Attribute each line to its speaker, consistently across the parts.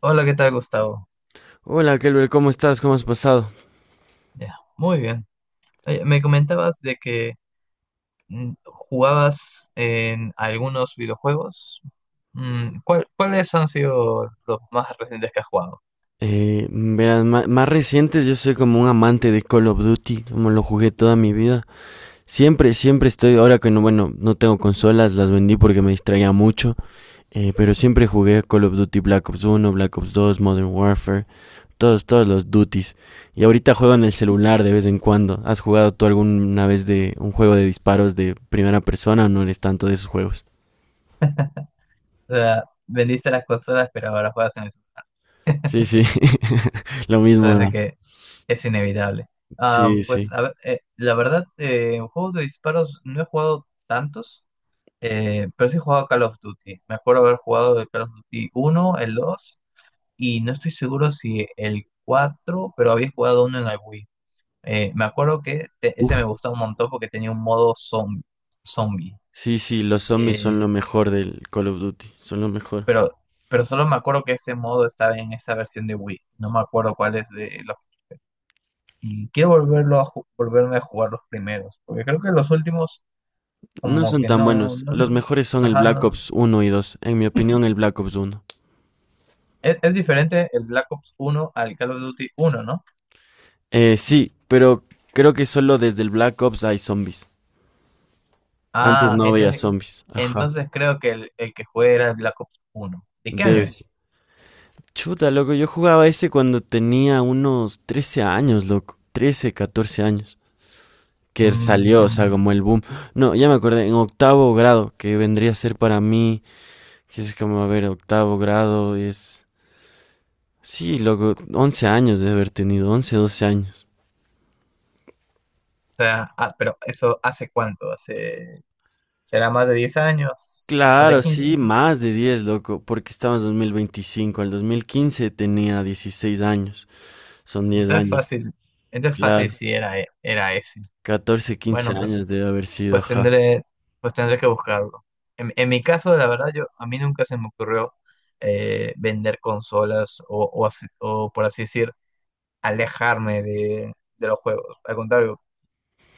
Speaker 1: Hola, ¿qué tal, Gustavo?
Speaker 2: Hola, Kelber, ¿cómo estás? ¿Cómo has pasado?
Speaker 1: Ya, muy bien. Oye, me comentabas de que jugabas en algunos videojuegos. ¿Cuáles han sido los más recientes que has jugado?
Speaker 2: Verás, más recientes yo soy como un amante de Call of Duty, como lo jugué toda mi vida. Siempre estoy, ahora que no, bueno, no tengo consolas, las vendí porque me distraía mucho, pero siempre jugué Call of Duty Black Ops uno, Black Ops 2, Modern Warfare, todos los duties. Y ahorita juego en el celular de vez en cuando. ¿Has jugado tú alguna vez de un juego de disparos de primera persona o no eres tanto de esos juegos?
Speaker 1: O sea, vendiste las consolas, pero ahora juegas en eso.
Speaker 2: Sí, sí, lo mismo,
Speaker 1: Parece
Speaker 2: ¿no?
Speaker 1: que es inevitable. Ah,
Speaker 2: Sí,
Speaker 1: pues,
Speaker 2: sí.
Speaker 1: a ver, la verdad, en juegos de disparos no he jugado tantos, pero sí he jugado Call of Duty. Me acuerdo haber jugado el Call of Duty uno, el 2. Y no estoy seguro si el cuatro, pero había jugado uno en el Wii. Me acuerdo que ese me gustaba un montón porque tenía un modo zombie.
Speaker 2: Sí, sí, los zombies son
Speaker 1: Eh,
Speaker 2: lo mejor del Call of Duty, son lo mejor.
Speaker 1: pero, pero solo me acuerdo que ese modo estaba en esa versión de Wii. No me acuerdo cuál es de los… Y quiero volverlo a volverme a jugar los primeros, porque creo que los últimos
Speaker 2: No
Speaker 1: como
Speaker 2: son
Speaker 1: que
Speaker 2: tan
Speaker 1: no…
Speaker 2: buenos, los mejores son el
Speaker 1: Ajá,
Speaker 2: Black
Speaker 1: no.
Speaker 2: Ops uno y dos, en mi opinión el Black Ops uno.
Speaker 1: Es diferente el Black Ops uno al Call of Duty uno, ¿no?
Speaker 2: Sí, pero creo que solo desde el Black Ops hay zombies. Antes
Speaker 1: Ah,
Speaker 2: no había
Speaker 1: entonces
Speaker 2: zombies, ajá,
Speaker 1: Entonces creo que el que jugué era el Black Ops 1. ¿De qué año
Speaker 2: debe ser.
Speaker 1: es?
Speaker 2: Chuta, loco, yo jugaba ese cuando tenía unos 13 años, loco, 13 14 años, que
Speaker 1: Mm,
Speaker 2: salió, o
Speaker 1: mm.
Speaker 2: sea, como el boom. No, ya me acordé, en octavo grado, que vendría a ser para mí, que es como, a ver, octavo grado es... Sí, loco, 11 años de haber tenido, 11, 12 años.
Speaker 1: O sea, pero eso, ¿hace cuánto? Hace, será más de 10 años, más de
Speaker 2: Claro,
Speaker 1: 15.
Speaker 2: sí, más de 10, loco, porque estamos en 2025. Al 2015 tenía 16 años. Son 10
Speaker 1: Entonces
Speaker 2: años.
Speaker 1: fácil, entonces fácil
Speaker 2: Claro,
Speaker 1: si era, era ese.
Speaker 2: 14, 15
Speaker 1: Bueno,
Speaker 2: años debe haber sido,
Speaker 1: pues
Speaker 2: ajá.
Speaker 1: tendré, pues tendré que buscarlo. En mi caso, la verdad, yo, a mí nunca se me ocurrió vender consolas, o, o, por así decir, alejarme de los juegos. Al contrario,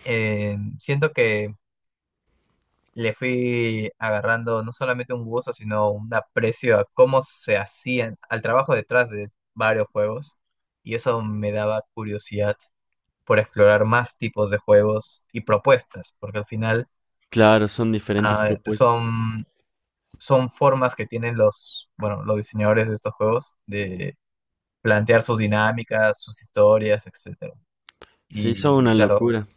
Speaker 1: siento que le fui agarrando no solamente un gusto, sino un aprecio a cómo se hacían, al trabajo detrás de varios juegos. Y eso me daba curiosidad por explorar más tipos de juegos y propuestas, porque al final
Speaker 2: Claro, son diferentes
Speaker 1: ah,
Speaker 2: propuestas.
Speaker 1: son, son formas que tienen los, bueno, los diseñadores de estos juegos de plantear sus dinámicas, sus historias, etcétera.
Speaker 2: Sí, son
Speaker 1: Y
Speaker 2: una
Speaker 1: claro,
Speaker 2: locura.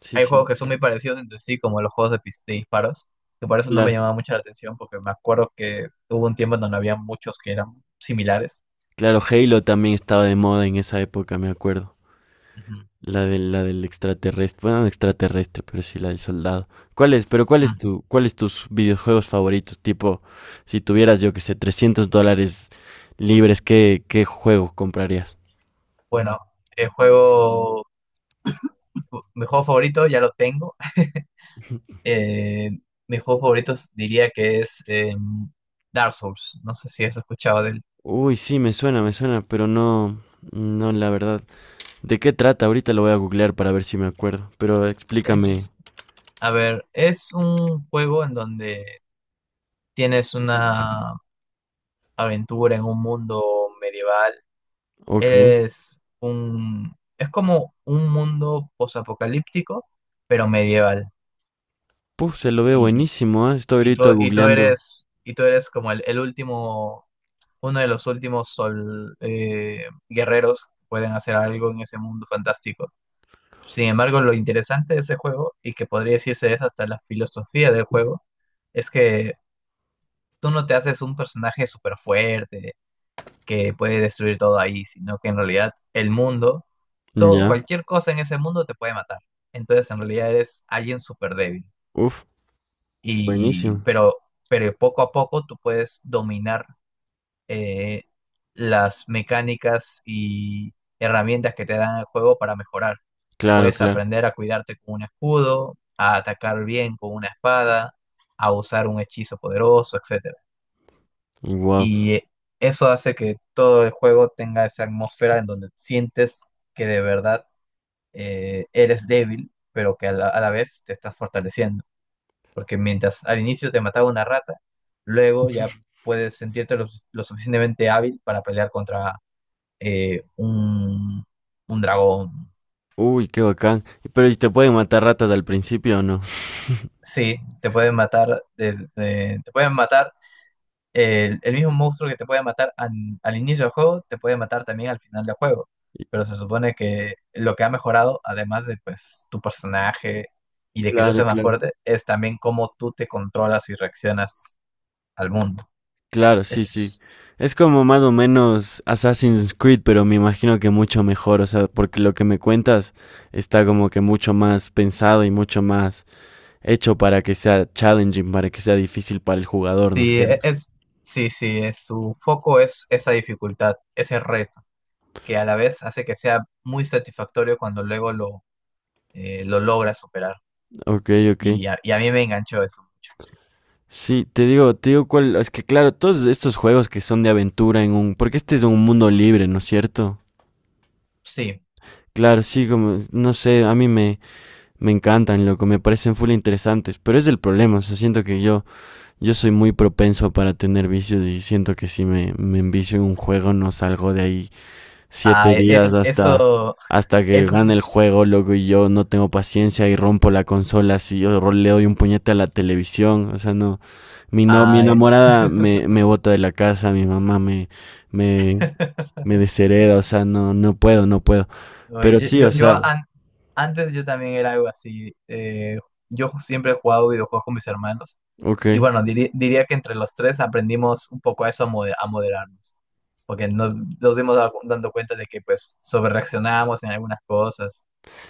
Speaker 2: Sí,
Speaker 1: hay
Speaker 2: sí,
Speaker 1: juegos que son muy parecidos entre sí, como los juegos de disparos, que por eso no me
Speaker 2: claro.
Speaker 1: llamaba mucho la atención, porque me acuerdo que hubo un tiempo en donde había muchos que eran similares.
Speaker 2: Claro, Halo también estaba de moda en esa época, me acuerdo.
Speaker 1: Ujú.
Speaker 2: La del extraterrestre, bueno, no extraterrestre, pero sí la del soldado. ¿Cuál es, pero cuál es
Speaker 1: Mm.
Speaker 2: tu, cuál es tus videojuegos favoritos? Tipo, si tuvieras, yo que sé, $300 libres, ¿qué juego comprarías?
Speaker 1: Bueno, el juego, mi juego favorito ya lo tengo. Eh, mi juego favorito diría que es Dark Souls. No sé si has escuchado de él.
Speaker 2: Uy, sí, me suena, pero no, no, la verdad. ¿De qué trata? Ahorita lo voy a googlear para ver si me acuerdo, pero explícame.
Speaker 1: Es, a ver, es un juego en donde tienes una aventura en un mundo medieval.
Speaker 2: Ok.
Speaker 1: Es como un mundo posapocalíptico, pero medieval.
Speaker 2: Puf, se lo ve
Speaker 1: Y,
Speaker 2: buenísimo, ¿eh? Estoy
Speaker 1: y tú,
Speaker 2: ahorita
Speaker 1: y tú
Speaker 2: googleando.
Speaker 1: eres, y tú eres como el último, uno de los últimos guerreros que pueden hacer algo en ese mundo fantástico. Sin embargo, lo interesante de ese juego, y que podría decirse es hasta la filosofía del juego, es que tú no te haces un personaje súper fuerte que puede destruir todo ahí, sino que en realidad el mundo todo,
Speaker 2: Ya.
Speaker 1: cualquier cosa en ese mundo te puede matar. Entonces, en realidad eres alguien súper débil.
Speaker 2: Uf,
Speaker 1: Y,
Speaker 2: buenísimo.
Speaker 1: pero, pero poco a poco tú puedes dominar eh, las mecánicas y herramientas que te dan el juego para mejorar.
Speaker 2: Claro,
Speaker 1: Puedes
Speaker 2: claro.
Speaker 1: aprender a cuidarte con un escudo, a atacar bien con una espada, a usar un hechizo poderoso, etcétera.
Speaker 2: Wow.
Speaker 1: Y eso hace que todo el juego tenga esa atmósfera en donde sientes que de verdad eres débil, pero que a la vez te estás fortaleciendo. Porque mientras al inicio te mataba una rata, luego ya puedes sentirte lo suficientemente hábil para pelear contra eh, un, un dragón.
Speaker 2: Uy, qué bacán. Pero, ¿y te pueden matar ratas al principio o no?
Speaker 1: Sí, te pueden matar, te pueden matar el mismo monstruo que te puede matar al inicio del juego, te puede matar también al final del juego.
Speaker 2: Y-
Speaker 1: Pero se supone que lo que ha mejorado, además de pues tu personaje y de que tú
Speaker 2: Claro,
Speaker 1: seas más
Speaker 2: claro.
Speaker 1: fuerte, es también cómo tú te controlas y reaccionas al mundo.
Speaker 2: Claro, sí, sí.
Speaker 1: Es,
Speaker 2: Es como más o menos Assassin's Creed, pero me imagino que mucho mejor, o sea, porque lo que me cuentas está como que mucho más pensado y mucho más hecho para que sea challenging, para que sea difícil para el jugador, ¿no es
Speaker 1: sí, e-
Speaker 2: cierto?
Speaker 1: es, sí, sí, es, su foco es esa dificultad, ese reto, que a la vez hace que sea muy satisfactorio cuando luego lo logras superar.
Speaker 2: Ok, ok.
Speaker 1: Y a mí me enganchó eso mucho.
Speaker 2: Sí, te digo cuál, es que claro, todos estos juegos que son de aventura en un, porque este es un mundo libre, ¿no es cierto?
Speaker 1: Sí.
Speaker 2: Claro, sí, como, no sé, a mí me, me encantan, loco, me parecen full interesantes, pero es el problema, o sea, siento que yo soy muy propenso para tener vicios y siento que si me envicio en un juego no salgo de ahí siete
Speaker 1: Ah, e,
Speaker 2: días
Speaker 1: es,
Speaker 2: hasta,
Speaker 1: eso,
Speaker 2: hasta que
Speaker 1: Eso es...
Speaker 2: gane el juego, loco, y yo no tengo paciencia y rompo la consola, si yo le doy un puñete a la televisión, o sea, no, mi, no, mi
Speaker 1: Ay,
Speaker 2: enamorada me bota de la casa, mi mamá me, me deshereda, o sea, no, no puedo, no puedo, pero
Speaker 1: oye,
Speaker 2: sí, o sea,
Speaker 1: antes yo también era algo así. Yo siempre he jugado videojuegos con mis hermanos.
Speaker 2: ok.
Speaker 1: Y bueno, diría que entre los tres aprendimos un poco a eso, a, a moderarnos. Porque nos dimos dando cuenta de que pues sobrereaccionábamos en algunas cosas.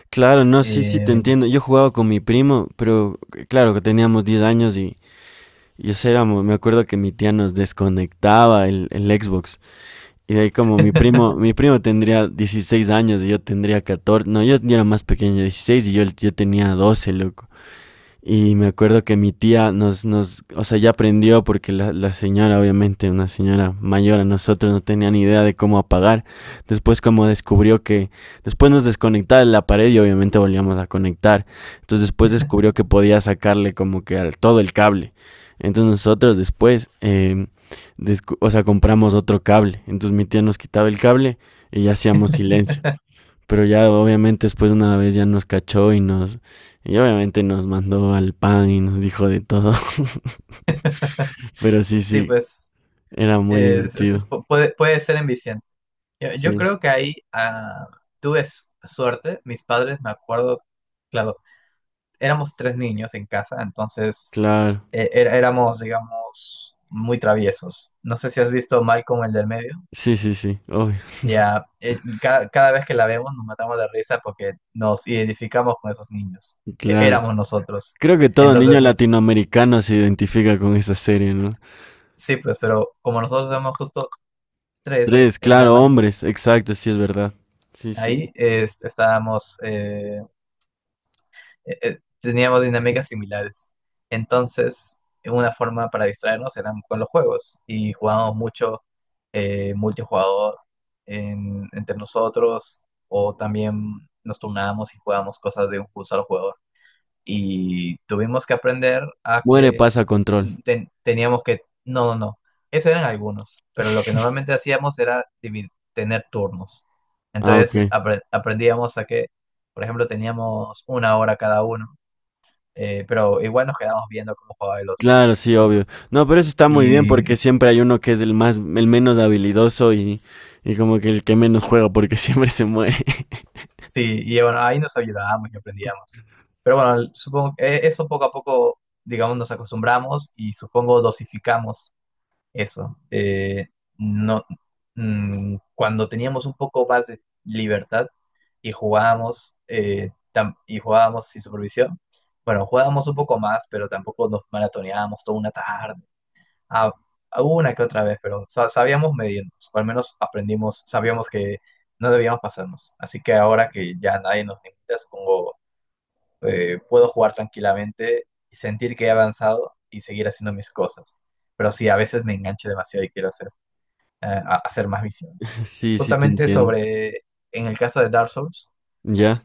Speaker 2: Claro, no, sí, sí,
Speaker 1: Eh,
Speaker 2: te entiendo. Yo jugaba con mi primo, pero claro que teníamos 10 años y eso éramos, me acuerdo que mi tía nos desconectaba el Xbox. Y de ahí como mi primo, mi primo tendría 16 años y yo tendría 14, no, yo ya era más pequeño, 16 y yo tenía 12, loco. Y me acuerdo que mi tía nos o sea, ya aprendió, porque la señora, obviamente, una señora mayor a nosotros, no tenía ni idea de cómo apagar. Después como descubrió que, después nos desconectaba de la pared y obviamente volvíamos a conectar. Entonces después descubrió que podía sacarle como que al, todo el cable. Entonces nosotros después, o sea, compramos otro cable. Entonces mi tía nos quitaba el cable y ya hacíamos silencio. Pero ya obviamente después de una vez ya nos cachó y nos... Y obviamente nos mandó al pan y nos dijo de todo. Pero sí,
Speaker 1: Sí,
Speaker 2: sí,
Speaker 1: pues
Speaker 2: era muy divertido.
Speaker 1: puede ser enviciante. Yo
Speaker 2: Sí,
Speaker 1: creo que ahí tuve suerte. Mis padres, me acuerdo, claro, éramos tres niños en casa, entonces
Speaker 2: claro.
Speaker 1: éramos, digamos, muy traviesos. No sé si has visto Malcolm, el del medio.
Speaker 2: Sí, sí, sí, obvio.
Speaker 1: Ya, cada vez que la vemos nos matamos de risa porque nos identificamos con esos niños.
Speaker 2: Claro.
Speaker 1: Éramos nosotros.
Speaker 2: Creo que todo niño
Speaker 1: Entonces,
Speaker 2: latinoamericano se identifica con esa serie, ¿no?
Speaker 1: sí, pues, pero como nosotros éramos justo tres
Speaker 2: Tres, claro,
Speaker 1: hermanos,
Speaker 2: hombres, exacto, sí es verdad. Sí, sí.
Speaker 1: ahí teníamos dinámicas similares. Entonces, una forma para distraernos era con los juegos y jugábamos mucho multijugador entre nosotros, o también nos turnábamos y jugábamos cosas de un solo jugador. Y tuvimos que aprender a
Speaker 2: Muere,
Speaker 1: que
Speaker 2: pasa control.
Speaker 1: teníamos que… No, no, no. Esos eran algunos, pero lo que normalmente hacíamos era tener turnos.
Speaker 2: Ah, ok.
Speaker 1: Entonces aprendíamos a que, por ejemplo, teníamos una hora cada uno, pero igual nos quedábamos viendo cómo jugaba el otro.
Speaker 2: Claro, sí, obvio. No, pero eso está muy bien
Speaker 1: Y
Speaker 2: porque siempre hay uno que es el más, el menos habilidoso y como que el que menos juega porque siempre se muere.
Speaker 1: sí, y bueno, ahí nos ayudábamos y aprendíamos. Pero bueno, supongo que eso poco a poco, digamos, nos acostumbramos y supongo dosificamos eso. No, mm, Cuando teníamos un poco más de libertad y jugábamos, y jugábamos sin supervisión, bueno, jugábamos un poco más, pero tampoco nos maratoneábamos toda una tarde. a, a una que otra vez, pero sabíamos medirnos, o al menos aprendimos, sabíamos que no debíamos pasarnos. Así que ahora que ya nadie nos limita, supongo, puedo jugar tranquilamente y sentir que he avanzado y seguir haciendo mis cosas. Pero sí, a veces me engancho demasiado y quiero hacer, hacer más visiones.
Speaker 2: Sí, sí, te
Speaker 1: Justamente
Speaker 2: entiendo.
Speaker 1: sobre, en el caso de Dark Souls,
Speaker 2: Ya,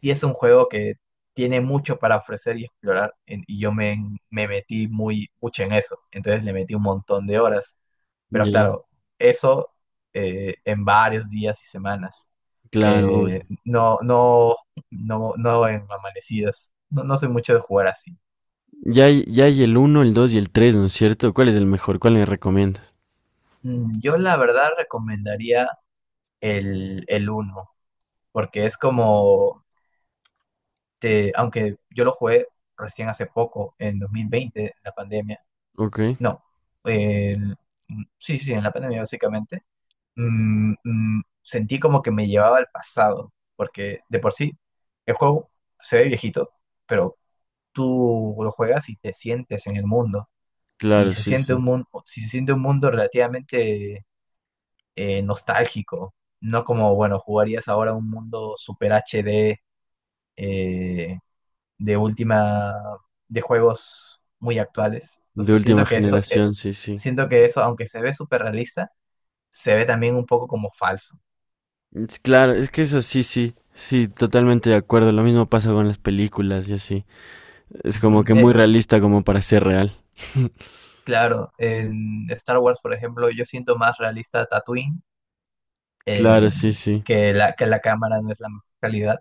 Speaker 1: y es un juego que tiene mucho para ofrecer y explorar, y yo me metí muy, mucho en eso. Entonces le metí un montón de horas, pero
Speaker 2: ya,
Speaker 1: claro, eso en varios días y semanas.
Speaker 2: claro,
Speaker 1: Eh,
Speaker 2: obvio.
Speaker 1: no, no, no, no en amanecidas. No, no soy mucho de jugar así.
Speaker 2: Ya hay el uno, el 2 y el 3, ¿no es cierto? ¿Cuál es el mejor? ¿Cuál le recomiendas?
Speaker 1: Yo la verdad recomendaría el uno porque es como, aunque yo lo jugué recién hace poco, en 2020, en la pandemia.
Speaker 2: Ok,
Speaker 1: No, el- sí, sí, en la pandemia básicamente. Sentí como que me llevaba al pasado, porque de por sí el juego se ve viejito, pero tú lo juegas y te sientes en el mundo, y
Speaker 2: claro,
Speaker 1: se
Speaker 2: sí,
Speaker 1: siente
Speaker 2: sí.
Speaker 1: un mundo, si se siente un mundo relativamente nostálgico, no como, bueno, jugarías ahora un mundo super HD, eh, de última, de juegos muy actuales.
Speaker 2: De
Speaker 1: Entonces siento
Speaker 2: última
Speaker 1: que esto, eh,
Speaker 2: generación, sí, sí.
Speaker 1: siento que eso, aunque se ve super realista, se ve también un poco como falso.
Speaker 2: Es claro, es que eso sí, sí. Sí, totalmente de acuerdo. Lo mismo pasa con las películas y así. Es como
Speaker 1: Ujú.
Speaker 2: que muy realista como para ser real.
Speaker 1: Claro, en Star Wars, por ejemplo, yo siento más realista Tatooine,
Speaker 2: Claro,
Speaker 1: eh,
Speaker 2: sí, sí.
Speaker 1: que la, cámara no es la mejor calidad,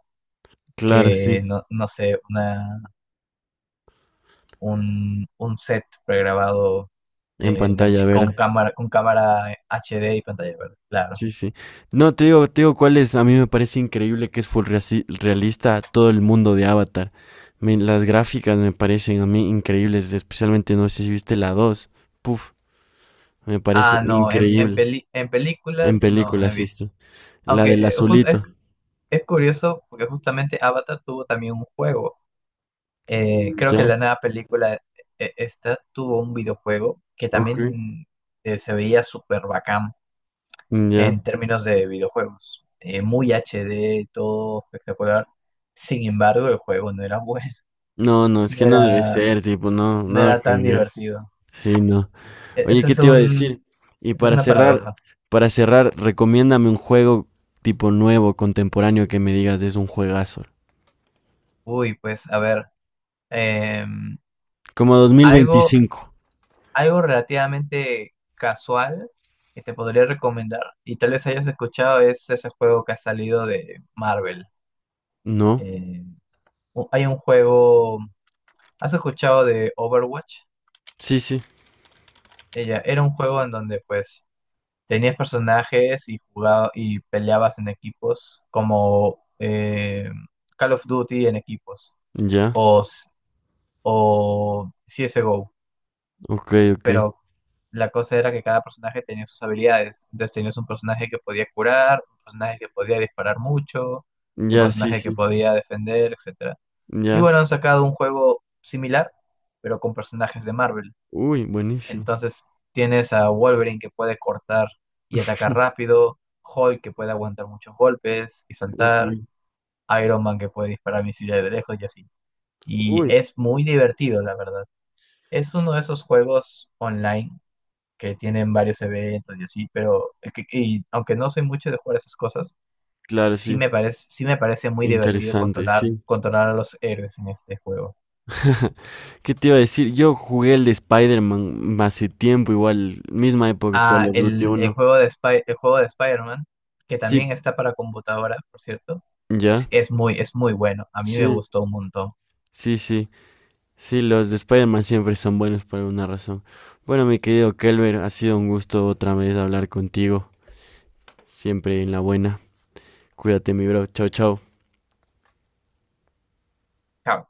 Speaker 2: Claro, sí,
Speaker 1: que no, no sé, un set pregrabado,
Speaker 2: en pantalla verde.
Speaker 1: Con cámara HD y pantalla verde, claro.
Speaker 2: Sí, sí. No, te digo cuál es. A mí me parece increíble que es full realista todo el mundo de Avatar. Las gráficas me parecen a mí increíbles, especialmente no sé si viste la 2, puf, me parece
Speaker 1: Ah, no, en, en,
Speaker 2: increíble.
Speaker 1: peli- en
Speaker 2: En
Speaker 1: películas no
Speaker 2: película,
Speaker 1: he
Speaker 2: sí,
Speaker 1: visto.
Speaker 2: sí. La
Speaker 1: Aunque
Speaker 2: del azulito.
Speaker 1: es curioso porque justamente Avatar tuvo también un juego. Creo que
Speaker 2: ¿Ya?
Speaker 1: la nueva película esta tuvo un videojuego que
Speaker 2: Ok.
Speaker 1: también se veía súper bacán
Speaker 2: ¿Ya?
Speaker 1: en términos de videojuegos. Muy HD, todo espectacular. Sin embargo, el juego no era bueno,
Speaker 2: No, no, es
Speaker 1: no
Speaker 2: que no debe
Speaker 1: era,
Speaker 2: ser, tipo, no,
Speaker 1: no
Speaker 2: nada
Speaker 1: era
Speaker 2: que
Speaker 1: tan
Speaker 2: ver.
Speaker 1: divertido.
Speaker 2: Sí, no.
Speaker 1: E-
Speaker 2: Oye,
Speaker 1: ese
Speaker 2: ¿qué
Speaker 1: es
Speaker 2: te iba a decir?
Speaker 1: un,
Speaker 2: Y
Speaker 1: esa es
Speaker 2: para
Speaker 1: una
Speaker 2: cerrar,
Speaker 1: paradoja.
Speaker 2: para cerrar, recomiéndame un juego tipo nuevo, contemporáneo, que me digas es un juegazo.
Speaker 1: Uy, pues a ver, em,
Speaker 2: Como
Speaker 1: algo
Speaker 2: 2025,
Speaker 1: relativamente casual que te podría recomendar, y tal vez hayas escuchado, es ese juego que ha salido de Marvel.
Speaker 2: ¿no?
Speaker 1: Eh, hay un juego, ¿has escuchado de Overwatch?
Speaker 2: Sí, sí,
Speaker 1: Ella era un juego en donde pues tenías personajes y y peleabas en equipos, como Call of Duty en equipos,
Speaker 2: ya,
Speaker 1: o, o CSGO.
Speaker 2: ok, ok.
Speaker 1: Pero la cosa era que cada personaje tenía sus habilidades. Entonces tenías un personaje que podía curar, un personaje que podía disparar mucho, un
Speaker 2: Ya, sí,
Speaker 1: personaje que
Speaker 2: sí,
Speaker 1: podía defender, etcétera. Y
Speaker 2: ya.
Speaker 1: bueno, han sacado un juego similar, pero con personajes de Marvel.
Speaker 2: Uy, buenísimo.
Speaker 1: Entonces tienes a Wolverine, que puede cortar y atacar rápido, Hulk, que puede aguantar muchos golpes y
Speaker 2: Ok.
Speaker 1: saltar, Iron Man, que puede disparar misiles de lejos, y así. Y
Speaker 2: Uy,
Speaker 1: es muy divertido, la verdad. Es uno de esos juegos online que tienen varios eventos y así, pero es que, y aunque no soy mucho de jugar esas cosas,
Speaker 2: claro, sí.
Speaker 1: sí me parece muy divertido
Speaker 2: Interesante,
Speaker 1: controlar,
Speaker 2: sí.
Speaker 1: controlar a los héroes en este juego.
Speaker 2: ¿Qué te iba a decir? Yo jugué el de Spider-Man hace tiempo, igual, misma época que Call
Speaker 1: Ah,
Speaker 2: of Duty
Speaker 1: el
Speaker 2: 1.
Speaker 1: juego de Spider-Man, que
Speaker 2: Sí,
Speaker 1: también está para computadora, por cierto,
Speaker 2: ya,
Speaker 1: es muy bueno. A mí me
Speaker 2: sí,
Speaker 1: gustó un montón.
Speaker 2: sí, sí. Sí, los de Spider-Man siempre son buenos por alguna razón. Bueno, mi querido Kelber, ha sido un gusto otra vez hablar contigo. Siempre en la buena. Cuídate, mi bro. Chao, chao.
Speaker 1: Ja,